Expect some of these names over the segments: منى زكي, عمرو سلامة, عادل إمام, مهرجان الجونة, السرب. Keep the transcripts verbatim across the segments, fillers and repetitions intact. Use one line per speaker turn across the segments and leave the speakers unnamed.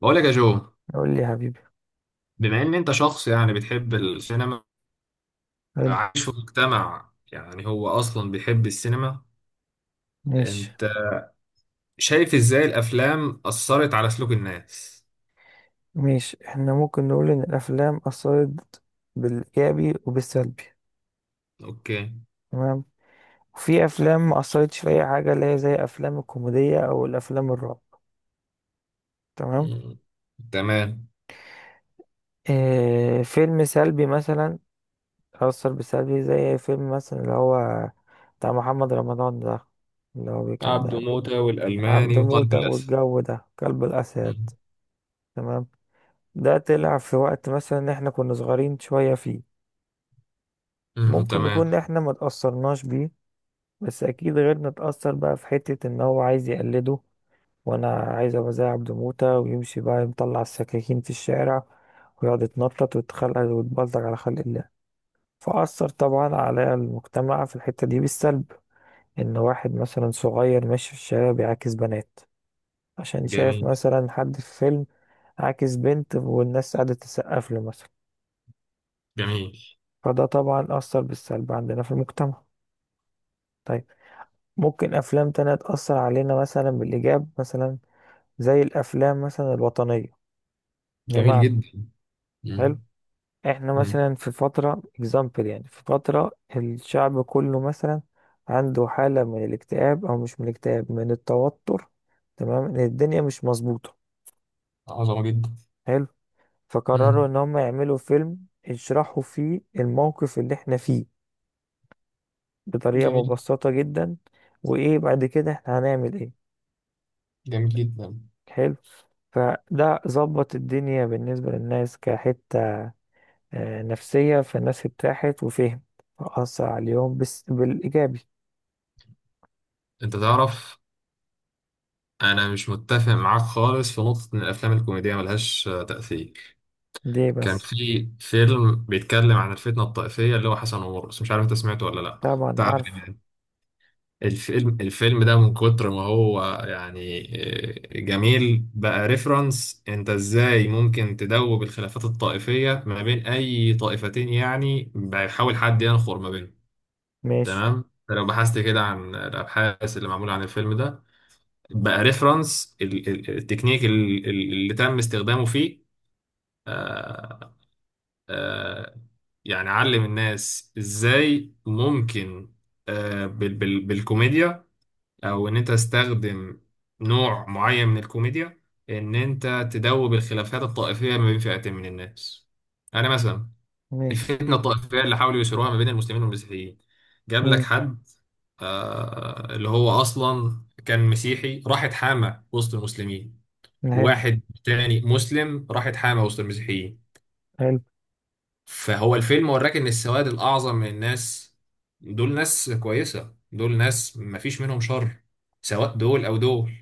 بقول لك يا جو،
قول لي يا حبيبي.
بما ان انت شخص يعني بتحب السينما،
حلو.
عايش في مجتمع يعني هو اصلا بيحب السينما.
ماشي.
انت شايف ازاي الافلام اثرت على سلوك الناس؟
ماشي، احنا ممكن نقول ان الافلام اثرت بالايجابي وبالسلبي.
اوكي.
تمام. وفي افلام ما اثرتش في اي حاجه، اللي هي زي افلام الكوميديه او الافلام الرعب. تمام.
مم. تمام.
اه، فيلم سلبي مثلا اثر بالسلبي، زي فيلم مثلا اللي هو بتاع محمد رمضان ده، اللي هو
عبده
كان
موتة
عبد
والالماني وقلب
موتة
الاسد.
والجو ده كلب الاسد.
مم.
تمام. ده طلع في وقت مثلا احنا كنا صغيرين شويه، فيه
مم.
ممكن
تمام.
نكون احنا ما تأثرناش بيه، بس اكيد غيرنا اتأثر بقى في حتة ان هو عايز يقلده، وانا عايز ابقى زي عبد موتة ويمشي بقى مطلع السكاكين في الشارع، ويقعد يتنطط ويتخلق ويتبلطج على خلق الله. فأثر طبعا على المجتمع في الحتة دي بالسلب، ان واحد مثلا صغير ماشي في الشارع بيعاكس بنات عشان شايف
جميل.
مثلا حد في فيلم عاكس بنت والناس قاعدة تسقف له مثلا.
جميل.
فده طبعا أثر بالسلب عندنا في المجتمع. طيب، ممكن أفلام تانية تأثر علينا مثلا بالإيجاب مثلا، زي الأفلام مثلا الوطنية.
جميل
بمعنى،
جدا.
حلو،
مم.
إحنا
مم.
مثلا في فترة example، يعني في فترة الشعب كله مثلا عنده حالة من الاكتئاب، أو مش من الاكتئاب من التوتر. تمام، إن الدنيا مش مظبوطة.
عظمة جدا.
حلو. فقرروا
مم.
إن هم يعملوا فيلم يشرحوا فيه الموقف اللي إحنا فيه بطريقة
جميل.
مبسطة جدا، وإيه بعد كده إحنا هنعمل إيه.
جميل جدا.
حلو. فده ظبط الدنيا بالنسبة للناس كحتة آه، نفسية، فالناس ارتاحت وفهم، فأثر عليهم بس بالإيجابي.
انت تعرف انا مش متفق معاك خالص في نقطة ان الافلام الكوميدية ملهاش آه، تأثير.
ليه
كان
بس.
في فيلم بيتكلم عن الفتنة الطائفية اللي هو حسن ومرقص، مش عارف انت سمعته ولا لا،
طبعا
بتاع عادل
عارفه.
امام. الفيلم الفيلم ده من كتر ما هو يعني، آه، جميل بقى ريفرنس انت ازاي ممكن تدوب الخلافات الطائفية ما بين اي طائفتين، يعني بيحاول حد ينخر ما بينهم.
ماشي.
تمام، لو بحثت كده عن الابحاث اللي معمولة عن الفيلم ده، بقى ريفرنس التكنيك ال- ال- اللي تم استخدامه فيه، آه، آه، يعني علم الناس ازاي ممكن، آه، بال- بال- بالكوميديا، او ان انت تستخدم نوع معين من الكوميديا، ان انت تدوب الخلافات الطائفية ما بين فئتين من الناس. انا مثلا
ماشي.
الفتنة الطائفية اللي حاولوا يثيروها ما بين المسلمين والمسيحيين، جاب لك
مم.
حد آه، اللي هو اصلا كان مسيحي راح اتحامى وسط المسلمين،
حلو.
وواحد تاني مسلم راح اتحامى وسط المسيحيين.
حلو.
فهو الفيلم وراك ان السواد الاعظم من الناس دول ناس كويسه، دول ناس مفيش منهم شر، سواء دول او دول.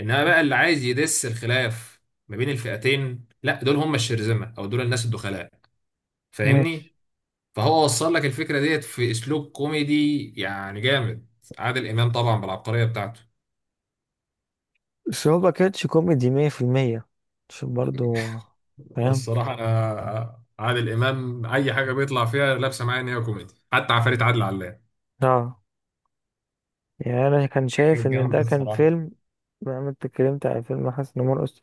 انما بقى اللي عايز يدس الخلاف ما بين الفئتين، لا دول هم الشرذمه او دول الناس الدخلاء. فاهمني؟
ماشي.
فهو وصل لك الفكره ديت في اسلوب كوميدي يعني جامد. عادل امام طبعا بالعبقريه بتاعته.
بس هو ما كانش كوميدي مية في المية، عشان برضه فاهم.
والصراحة أنا عادل إمام أي حاجة بيطلع فيها لابسة معايا إن هي كوميدي، حتى عفاريت عادل علام
اه. يعني انا كان شايف
كانت
ان
جامدة
ده كان
الصراحة.
فيلم. بما إنك اتكلمت عن فيلم حسن مرقص،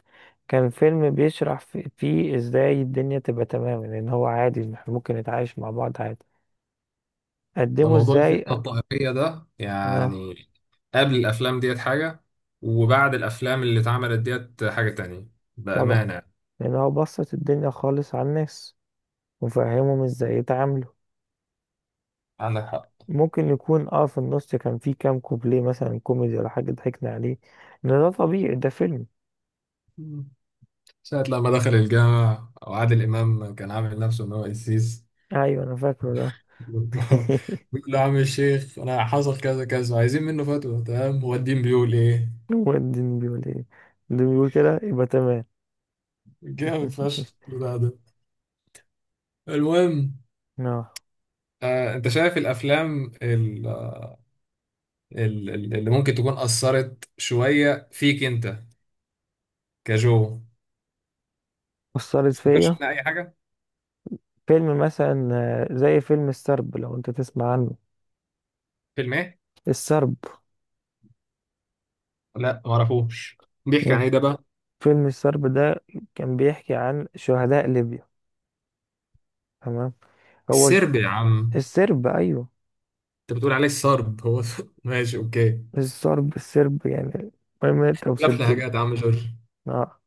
كان فيلم بيشرح في- فيه ازاي الدنيا تبقى تمام، لان هو عادي إن احنا ممكن نتعايش مع بعض عادي.
ده
قدمه
موضوع
ازاي.
الفتنة الطائفية ده
اه.
يعني قبل الأفلام ديت حاجة، وبعد الأفلام اللي اتعملت ديت حاجة تانية،
طبعا،
بأمانة.
لان هو بسط الدنيا خالص على الناس وفهمهم ازاي يتعاملوا.
عندك حق.
ممكن يكون اه في النص كان فيه كام كوبليه مثلا كوميدي ولا حاجة ضحكنا عليه، ان ده طبيعي، ده فيلم.
مم. ساعة لما دخل الجامع وعادل إمام كان عامل نفسه إن هو قسيس
ايوه، انا فاكره ده.
بيقول له: يا عم الشيخ أنا حصل كذا كذا، عايزين منه فتوى، تمام، هو الدين بيقول إيه؟
هو الدين بيقول ايه. الدين بيقول كده يبقى تمام.
جامد فشخ البتاع ده. المهم،
اه.
آه، انت شايف الافلام ال- ال- ال- اللي ممكن تكون اثرت شويه فيك انت كجو؟
أثرت فيا.
تفتكرش منها اي حاجه؟
فيلم مثلا آه، زي فيلم السرب لو انت تسمع عنه.
فيلم ايه؟
السرب.
لا، ما اعرفوش. بيحكي عن
إيه؟
ايه ده بقى؟
فيلم السرب ده كان بيحكي عن شهداء ليبيا. تمام. هو الف...
السرب يا عم!
السرب، ايوه.
انت بتقول عليه السرب هو؟ ماشي، اوكي.
السرب، السرب يعني. المهم انت
لف
وصلت له.
حاجات يا عم جورج.
اه.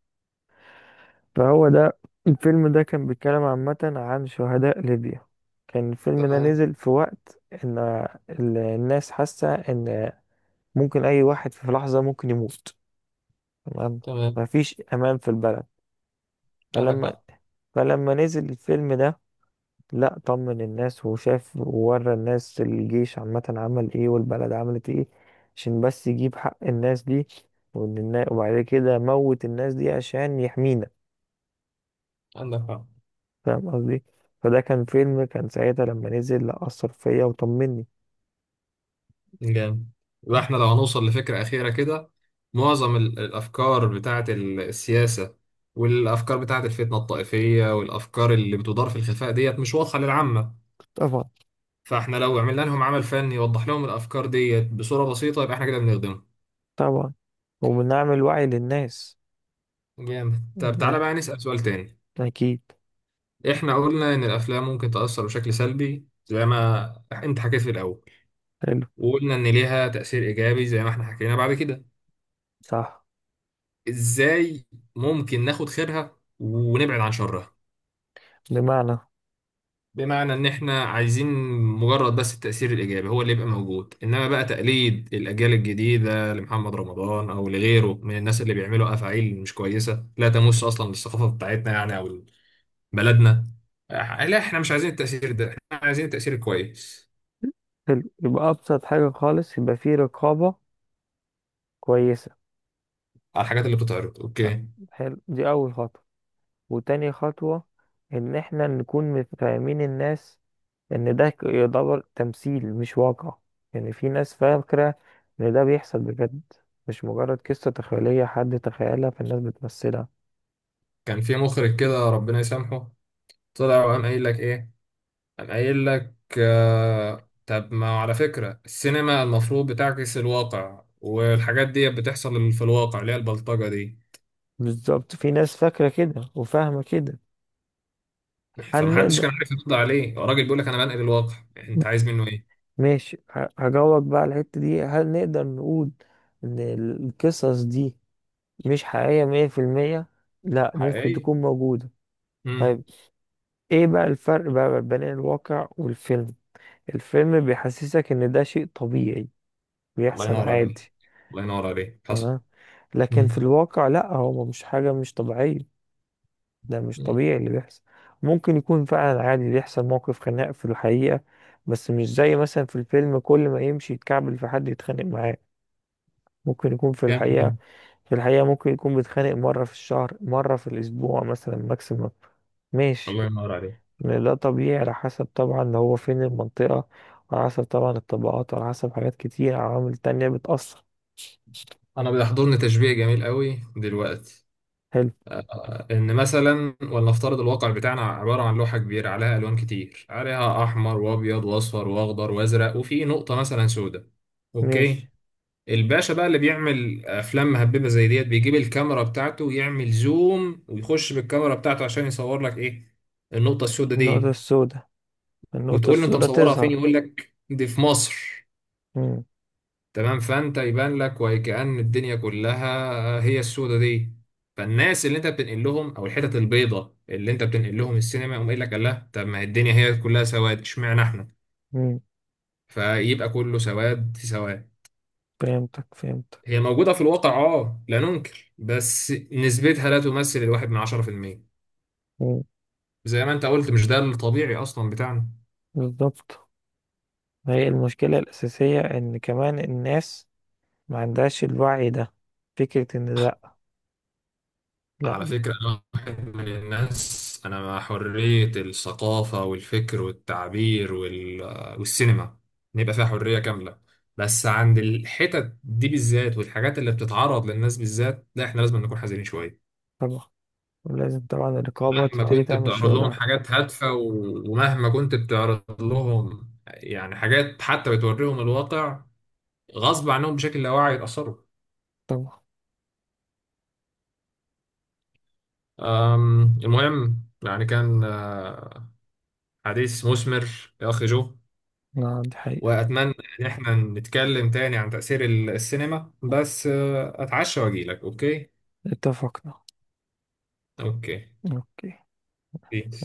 فهو ده الفيلم ده كان بيتكلم عامة عن شهداء ليبيا. كان الفيلم ده
تمام.
نزل في وقت ان ال- الناس حاسة ان ممكن اي واحد في لحظة ممكن يموت. تمام.
تمام.
مفيش امان في البلد.
عندك
فلما
حق.
فلما نزل الفيلم ده، لا طمن الناس وشاف وورى الناس الجيش عامة عمل ايه والبلد عملت ايه، عشان بس يجيب حق الناس دي، وإن النا- وبعد كده موت الناس دي عشان يحمينا.
عندك حق.
فاهم قصدي. فده كان فيلم كان ساعتها لما نزل، لا، أثر فيا وطمني.
جامد. يبقى احنا لو هنوصل لفكرة أخيرة كده، معظم ال- الأفكار بتاعة ال- السياسة والأفكار بتاعة الفتنة الطائفية والأفكار اللي بتدار في الخفاء ديت مش واضحة للعامة.
طبعا.
فاحنا لو عملنا لهم عمل فني يوضح لهم الأفكار ديت بصورة بسيطة، يبقى احنا كده بنخدمهم.
طبعا وبنعمل وعي للناس.
جامد. طب تعالى
لا.
بقى نسأل سؤال تاني.
أكيد.
احنا قلنا إن الأفلام ممكن تأثر بشكل سلبي، زي ما انت حكيت في الأول،
حلو.
وقلنا إن ليها تأثير إيجابي زي ما احنا حكينا بعد كده.
صح.
إزاي ممكن ناخد خيرها ونبعد عن شرها؟
بمعنى،
بمعنى ان احنا عايزين مجرد بس التأثير الايجابي هو اللي يبقى موجود، انما بقى تقليد الاجيال الجديدة لمحمد رمضان او لغيره من الناس اللي بيعملوا افاعيل مش كويسة، لا تمس اصلا للثقافة بتاعتنا يعني او بلدنا. آه، لا، احنا مش عايزين التأثير ده، احنا عايزين التأثير الكويس
حلو، يبقى أبسط حاجة خالص يبقى فيه رقابة كويسة.
على الحاجات اللي بتتعرض. اوكي.
حلو، دي أول خطوة. وتاني خطوة إن إحنا نكون مت- فاهمين الناس إن ده ك- يعتبر تمثيل مش واقع. يعني في ناس فاكرة إن ده بيحصل بجد، مش مجرد قصة تخيلية حد تخيلها فالناس بتمثلها.
كان في مخرج كده، ربنا يسامحه، طلع وقام قايل لك ايه؟ قام قايل لك: آه طب ما على فكرة السينما المفروض بتعكس الواقع، والحاجات دي بتحصل في الواقع، اللي هي البلطجة دي.
بالظبط، في ناس فاكرة كده وفاهمة كده. هل
فمحدش
نقدر.
كان عارف يرد عليه. هو الراجل بيقول لك: انا بنقل الواقع، انت عايز منه ايه؟
ماشي، ه- هجاوبك بقى على الحتة دي. هل نقدر نقول إن القصص دي مش حقيقية مية في المية؟ لأ، ممكن
حقيقي.
تكون موجودة.
امم
طيب، ايه بقى الفرق بقى بين الواقع والفيلم. الفيلم بيحسسك ان ده شيء طبيعي
الله
بيحصل
ينور عليك.
عادي.
الله ينور عليك، حصل.
تمام. لكن في
امم
الواقع لا، هو مش حاجة مش طبيعية. ده مش طبيعي اللي بيحصل. ممكن يكون فعلا عادي بيحصل موقف خناق في الحقيقة، بس مش زي مثلا في الفيلم كل ما يمشي يتكعبل في حد يتخانق معاه. ممكن يكون في
جامد
الحقيقة
جدا.
في الحقيقة ممكن يكون بيتخانق مرة في الشهر، مرة في الأسبوع مثلا ماكسيموم. ماشي.
الله ينور عليك.
لا، طبيعي على حسب طبعا هو فين المنطقة، على حسب طبعا الطبقات، على حسب حاجات كتير عوامل تانية بتأثر.
انا بيحضرني تشبيه جميل قوي دلوقتي،
حلو.
ان مثلا ولنفترض الواقع بتاعنا عباره عن لوحه كبيره، عليها الوان كتير، عليها احمر وابيض واصفر واخضر وازرق، وفي نقطه مثلا سوداء.
ماشي.
اوكي. الباشا بقى اللي بيعمل افلام مهببه زي ديت بيجيب الكاميرا بتاعته ويعمل زوم ويخش بالكاميرا بتاعته عشان يصور لك ايه؟ النقطه السوداء
النقطة
دي.
السوداء. النقطة
وتقول له: انت
السوداء
مصورها فين؟
تظهر.
يقول لك: دي في مصر.
مم.
تمام. فانت يبان لك وكأن الدنيا كلها هي السودة دي. فالناس اللي انت بتنقل لهم، او الحتت البيضة اللي انت بتنقل لهم السينما، يقوم قايل لك: الله، طب ما هي الدنيا هي كلها سواد، اشمعنى احنا؟
مم.
فيبقى كله سواد في سواد.
فهمتك. فهمتك.
هي موجودة في الواقع، اه، لا ننكر، بس نسبتها لا تمثل الواحد من عشرة في المية.
مم.
زي ما انت قلت، مش ده الطبيعي اصلا بتاعنا.
بالظبط. ما هي المشكلة الأساسية إن كمان الناس ما عندهاش الوعي ده، فكرة إن لأ. لأ.
على فكرة أنا واحد من الناس أنا مع حرية الثقافة والفكر والتعبير وال... والسينما، نبقى فيها حرية كاملة، بس عند الحتت دي بالذات والحاجات اللي بتتعرض للناس بالذات، لا، إحنا لازم نكون حذرين شوية.
طبعا. ولازم طبعا الرقابة
مهما آه.
تبتدي
كنت
تعمل
بتعرض لهم
شغلها.
حاجات هادفة و... ومهما كنت بتعرض لهم يعني حاجات حتى بتوريهم الواقع، غصب عنهم بشكل لا واعي يتأثروا.
طبعا.
أم، المهم يعني كان آه، حديث مثمر يا أخي جو.
نعم، دي حقيقة.
وأتمنى إن إحنا نتكلم تاني عن تأثير السينما، بس آه، أتعشى وأجيلك، أوكي؟
اتفقنا.
أوكي.
أوكي.
بيس.